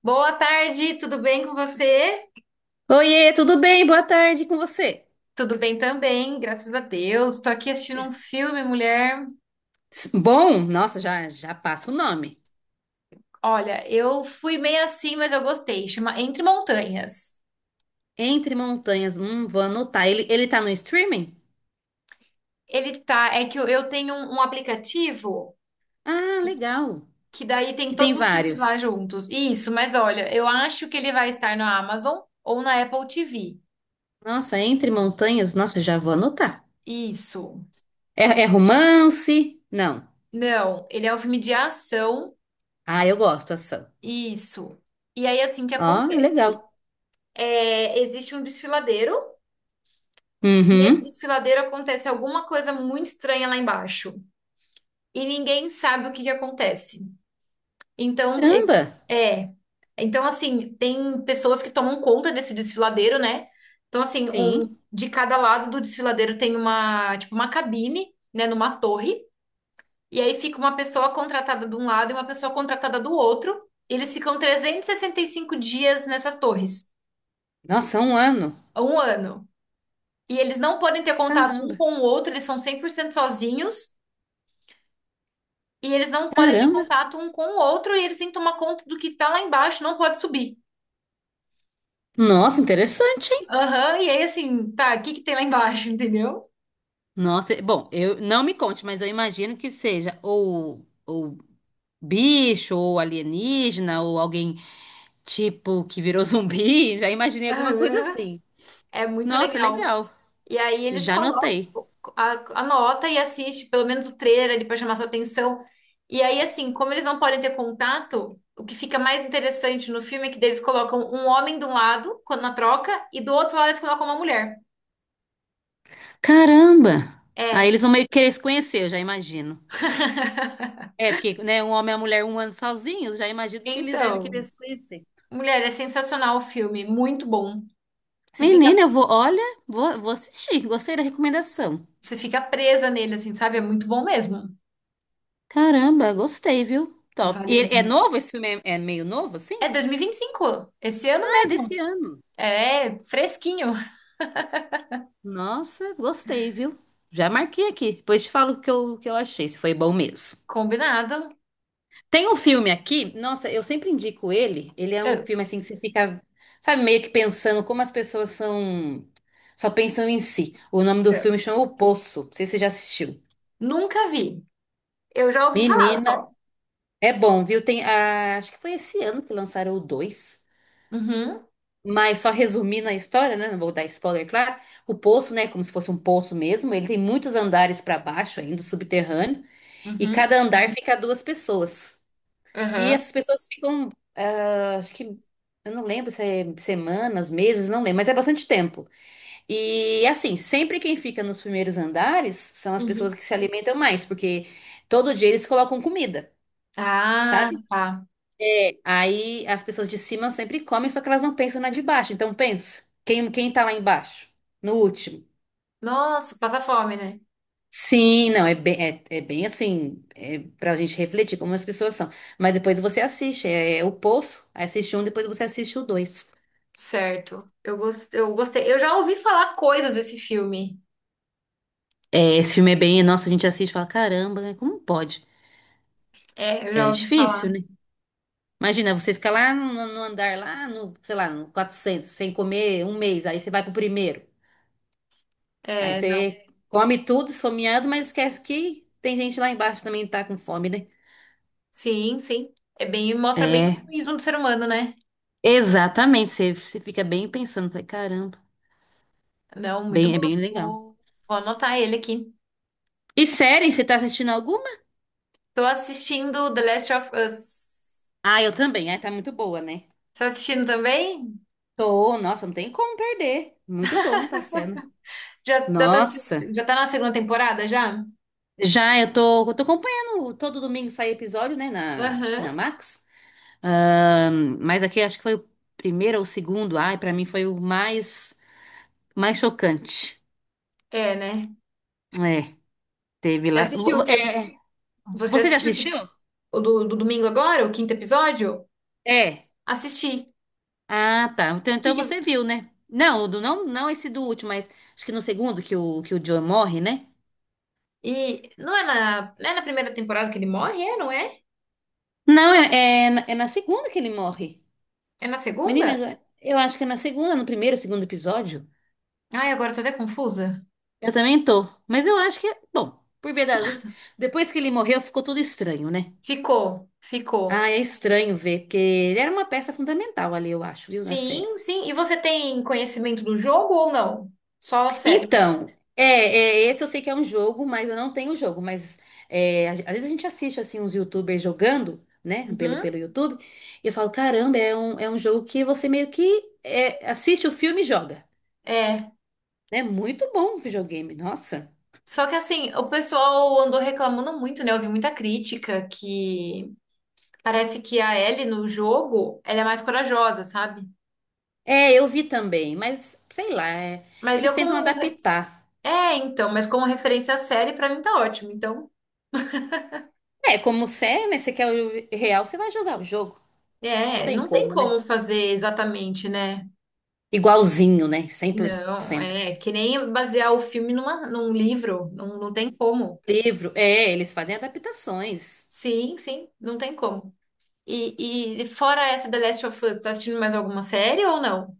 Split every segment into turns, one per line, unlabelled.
Boa tarde, tudo bem com você?
Oiê, tudo bem? Boa tarde com você.
Tudo bem também, graças a Deus. Tô aqui assistindo um filme, mulher.
Bom, nossa, já passa o nome.
Olha, eu fui meio assim, mas eu gostei. Chama Entre Montanhas.
Entre Montanhas, vou anotar. Ele tá no streaming?
Ele tá, é que eu tenho um aplicativo
Ah, legal.
que daí tem
Que tem
todos os filmes lá
vários.
juntos. Isso, mas olha, eu acho que ele vai estar na Amazon ou na Apple TV.
Nossa, Entre Montanhas, nossa, já vou anotar.
Isso.
É, é romance? Não.
Não, ele é um filme de ação.
Ah, eu gosto, ação.
Isso. E aí, assim, o que
Ó, legal.
acontece? É, existe um desfiladeiro. Nesse
Uhum.
desfiladeiro acontece alguma coisa muito estranha lá embaixo e ninguém sabe o que que acontece. Então,
Caramba.
é. Então, assim, tem pessoas que tomam conta desse desfiladeiro, né? Então, assim, um,
Sim.
de cada lado do desfiladeiro tem uma, tipo, uma cabine, né, numa torre. E aí fica uma pessoa contratada de um lado e uma pessoa contratada do outro. E eles ficam 365 dias nessas torres,
Nossa, é um ano.
um ano. E eles não podem ter contato um
Caramba.
com o outro, eles são 100% sozinhos. E eles não podem ter
Caramba.
contato um com o outro e eles têm que tomar conta do que tá lá embaixo, não pode subir.
Nossa, interessante, hein?
Aham, e aí assim, tá, o que que tem lá embaixo, entendeu?
Nossa, bom, eu não me conte, mas eu imagino que seja ou bicho, ou alienígena, ou alguém tipo que virou zumbi. Já imaginei alguma coisa
Aham.
assim.
É muito
Nossa,
legal.
legal.
E aí eles
Já
colocam,
anotei.
anota e assiste pelo menos o trailer ali pra chamar sua atenção. E aí assim, como eles não podem ter contato, o que fica mais interessante no filme é que eles colocam um homem de um lado, quando na troca, e do outro lado eles colocam uma mulher.
Caramba! Aí
É.
eles vão meio que querer se conhecer, eu já imagino. É, porque, né, um homem e uma mulher um ano sozinhos, já imagino que eles devem querer
Então,
se conhecer.
mulher, é sensacional o filme, muito bom. Você fica,
Menina, eu vou, olha, vou assistir. Gostei da recomendação.
você fica presa nele, assim, sabe? É muito bom mesmo.
Caramba, gostei, viu? Top.
Vale
E é
muito.
novo esse filme? É meio novo, assim?
É dois mil e vinte e cinco, esse ano
Ah, é
mesmo.
desse ano.
É fresquinho,
Nossa, gostei, viu? Já marquei aqui. Depois te falo o que eu achei, se foi bom mesmo.
combinado.
Tem um filme aqui, nossa, eu sempre indico ele. Ele é um
Eu,
filme assim que você fica, sabe, meio que pensando como as pessoas são. Só pensam em si. O nome do
eu
filme chama O Poço. Não sei se você já assistiu.
nunca vi. Eu já ouvi falar
Menina,
só.
é bom, viu? Tem, ah, acho que foi esse ano que lançaram o 2.
Uhum,
Mas só resumindo a história, né? Não vou dar spoiler, claro. O poço, né? Como se fosse um poço mesmo. Ele tem muitos andares para baixo ainda, subterrâneo. E
uhum,
cada andar fica duas pessoas. E
uhum,
essas pessoas ficam, ah, acho que, eu não lembro se é semanas, meses, não lembro, mas é bastante tempo. E assim, sempre quem fica nos primeiros andares são as pessoas
uhum.
que se alimentam mais, porque todo dia eles colocam comida,
Ah,
sabe?
tá.
Aí as pessoas de cima sempre comem, só que elas não pensam na de baixo. Então pensa, quem tá lá embaixo, no último.
Nossa, passa fome, né?
Sim, não, é bem, é, é bem assim, é pra gente refletir como as pessoas são. Mas depois você assiste, é, é o Poço, aí assiste um, depois você assiste o dois.
Certo. Eu gostei. Eu já ouvi falar coisas desse filme.
É, esse filme é bem, nossa, a gente assiste e fala, caramba, né, como pode?
É, eu
É
já ouvi
difícil,
falar.
né? Imagina, você fica lá no andar, lá no, sei lá, no 400 sem comer um mês, aí você vai pro primeiro. Aí
É, não.
você come tudo, esfomeado, mas esquece que tem gente lá embaixo que também tá com fome, né?
Sim, sim. É bem, mostra bem o
É,
egoísmo do ser humano, né?
exatamente, você fica bem pensando, fala, caramba,
Não, muito
bem,
bom.
é bem legal.
Vou, vou anotar ele aqui.
E série, você tá assistindo alguma?
Tô assistindo The Last of Us.
Ah, eu também. Ah, tá muito boa, né?
Tá assistindo também?
Tô, nossa, não tem como perder. Muito bom tá sendo.
Já, já tá
Nossa.
assistindo- já tá na segunda temporada já?
Já eu tô acompanhando todo domingo sai episódio, né? Na, acho que na
Aham.
Max. Mas aqui acho que foi o primeiro ou o segundo. Ai, pra mim foi o mais, mais chocante.
É, né?
É, teve
Você
lá.
assistiu o
É,
que
é.
você
Você já
assistiu o que-
assistiu?
O do domingo agora, o quinto episódio?
É.
Assisti.
Ah, tá. Então,
Que
então
que-
você viu, né? Não, não, não esse do último, mas acho que no segundo que que o Joe morre, né?
e não é na, não é na primeira temporada que ele morre, é, não é?
Não, é, é na segunda que ele morre.
É na segunda?
Menina, eu acho que é na segunda, no primeiro, segundo episódio.
Ai, agora eu tô até confusa.
Eu também tô. Mas eu acho que é. Bom, por ver das dúvidas, depois que ele morreu, ficou tudo estranho, né?
Ficou,
Ah,
ficou.
é estranho ver, porque ele era uma peça fundamental ali, eu acho, viu, na série.
Sim, sim. E você tem conhecimento do jogo ou não? Só a série.
Então, é, é, esse eu sei que é um jogo, mas eu não tenho o jogo. Mas é, às vezes a gente assiste assim uns YouTubers jogando, né,
Uhum.
pelo YouTube, e eu falo, caramba, é um jogo que você meio que é, assiste o filme e joga.
É.
É muito bom o videogame, nossa.
Só que assim, o pessoal andou reclamando muito, né? Eu vi muita crítica que parece que a Ellie no jogo, ela é mais corajosa, sabe?
É, eu vi também, mas sei lá, é,
Mas
eles
eu
tentam
como re-
adaptar.
É, então, mas como referência à série pra mim tá ótimo. Então,
É, como você é, né? Você quer o real, você vai jogar o jogo. Não
é,
tem
não tem
como, né?
como fazer exatamente, né?
Igualzinho, né? Cem por
Não,
cento.
é que nem basear o filme numa, num livro, não, não tem como.
Livro, é, eles fazem adaptações.
Sim, sim, não tem como. E fora essa The Last of Us, tá assistindo mais alguma série ou não?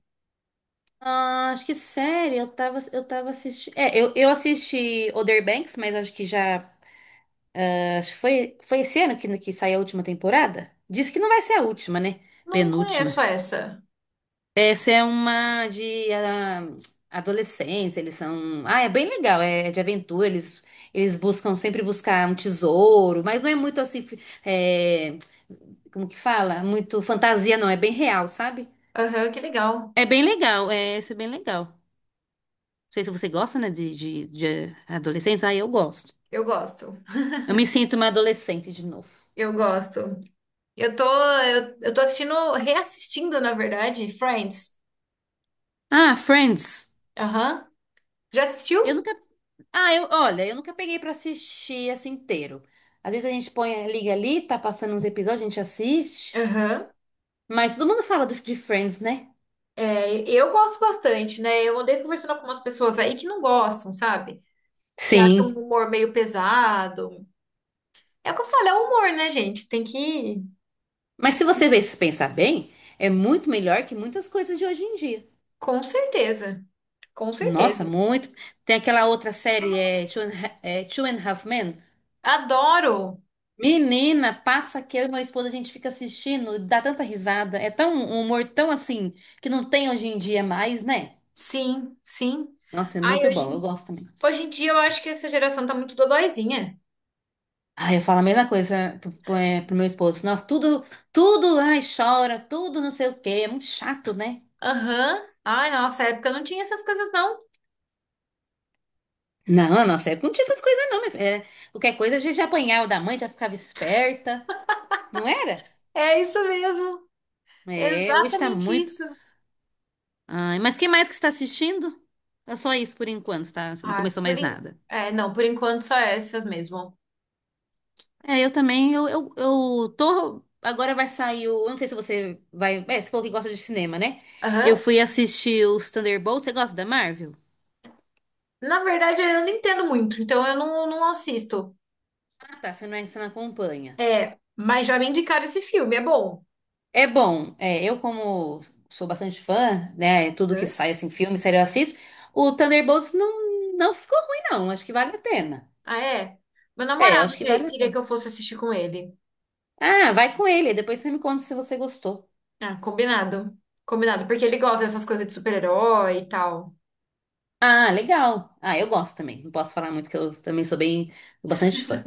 Ah, acho que série, eu tava assistindo. É, eu assisti Other Banks, mas acho que já. Acho que foi, foi esse ano que saiu a última temporada. Diz que não vai ser a última, né?
Não conheço
Penúltima.
essa.
Essa é uma de ah, adolescência, eles são. Ah, é bem legal, é de aventura, eles buscam sempre buscar um tesouro, mas não é muito assim. Fi- é, Como que fala? Muito fantasia, não, é bem real, sabe?
Aham, que legal.
É bem legal, é, esse é bem legal. Não sei se você gosta, né, de adolescência. Ah, eu gosto.
Eu gosto.
Eu me sinto uma adolescente de novo.
Eu gosto. Eu tô assistindo, reassistindo, na verdade, Friends.
Ah, Friends.
Aham. Já
Eu
assistiu?
nunca Ah, eu, olha, eu nunca peguei pra assistir assim inteiro. Às vezes a gente põe, liga ali, tá passando uns episódios, a gente assiste.
Aham.
Mas todo mundo fala de Friends, né?
É, eu gosto bastante, né? Eu andei conversando com umas pessoas aí que não gostam, sabe? Que acham
Sim.
o humor meio pesado. É o que eu falo, é o humor, né, gente? Tem que ir.
Mas se você se pensar bem, é muito melhor que muitas coisas de hoje em dia.
Com certeza. Com
Nossa,
certeza.
muito. Tem aquela outra série, é Two and, é, Two and a Half Men.
Adoro.
Menina, passa que eu e meu esposo a gente fica assistindo, dá tanta risada. É tão um humor tão assim que não tem hoje em dia mais, né?
Sim, sim.
Nossa, é
Ai,
muito
hoje,
bom. Eu
em-
gosto também.
hoje em dia eu acho que essa geração tá muito dodóizinha.
Aí eu falo a mesma coisa pro, pro é, pro meu esposo. Nossa, tudo, ai, chora, tudo não sei o quê. É muito chato, né?
Aham. Ai, nossa época não tinha essas coisas, não.
Não, na nossa época não tinha essas coisas, não, minha filha. Era- Qualquer coisa a gente já apanhava da mãe, já ficava esperta. Não era?
É isso mesmo,
É, hoje tá
exatamente
muito.
isso.
Ai, mas que mais que você tá assistindo? É só isso por enquanto, tá? Você não
Ah,
começou
por
mais
en-
nada.
não, por enquanto só essas mesmo.
É, eu também, eu tô. Agora vai sair o. Eu não sei se você vai. É, você falou que gosta de cinema, né? Eu
Aham.
fui assistir os Thunderbolts. Você gosta da Marvel?
Na verdade, eu não entendo muito, então eu não, não assisto.
Ah, tá, você não, você não acompanha.
É, mas já me indicaram esse filme, é bom.
É bom, é, eu como sou bastante fã, né, é tudo que
Hã?
sai, assim, filme, série eu assisto, o Thunderbolts não, não ficou ruim, não, acho que vale a pena.
Ah, é? Meu
É, eu
namorado
acho que vale a
queria
pena.
que eu fosse assistir com ele.
Ah, vai com ele, depois você me conta se você gostou.
Ah, combinado. Combinado, porque ele gosta dessas coisas de super-herói e tal.
Ah, legal. Ah, eu gosto também, não posso falar muito que eu também sou bem, sou bastante fã.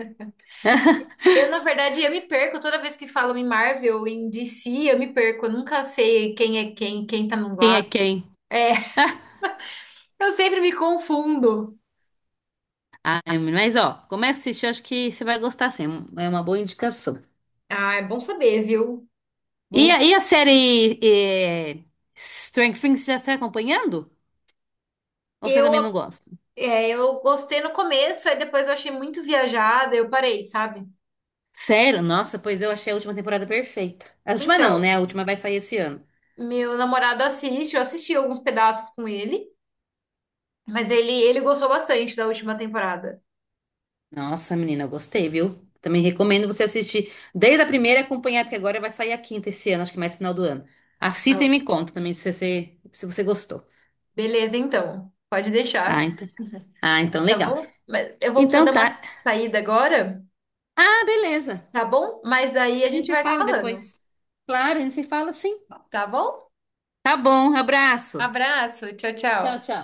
Eu, na verdade, eu me perco toda vez que falam em Marvel, em DC, eu me perco. Eu nunca sei quem é quem, quem tá num
Quem é
lado.
quem?
É, eu sempre me confundo.
Ah, ai, mas ó, começa a assistir, acho que você vai gostar, sim, é uma boa indicação.
Ah, é bom saber, viu? Bom,
E, e a série eh, Stranger Things, já está acompanhando? Ou você
eu,
também não gosta?
eu gostei no começo, aí depois eu achei muito viajada, eu parei, sabe?
Sério? Nossa, pois eu achei a última temporada perfeita. A última não,
Então,
né? A última vai sair esse ano.
meu namorado assiste, eu assisti alguns pedaços com ele, mas ele gostou bastante da última temporada.
Nossa, menina, eu gostei, viu? Também recomendo você assistir desde a primeira e acompanhar, porque agora vai sair a quinta esse ano, acho que mais final do ano. Assista e
Eu,
me conta também se você gostou.
Beleza, então, pode
Ah,
deixar,
então. Ah, então
tá
legal.
bom? Mas eu vou precisar
Então
dar uma
tá.
saída agora.
Ah, beleza.
Tá bom? Mas aí a
A gente
gente
se
vai se
fala
falando,
depois. Claro, a gente se fala sim.
tá bom?
Tá bom, abraço.
Abraço, tchau,
Tchau,
tchau.
tchau.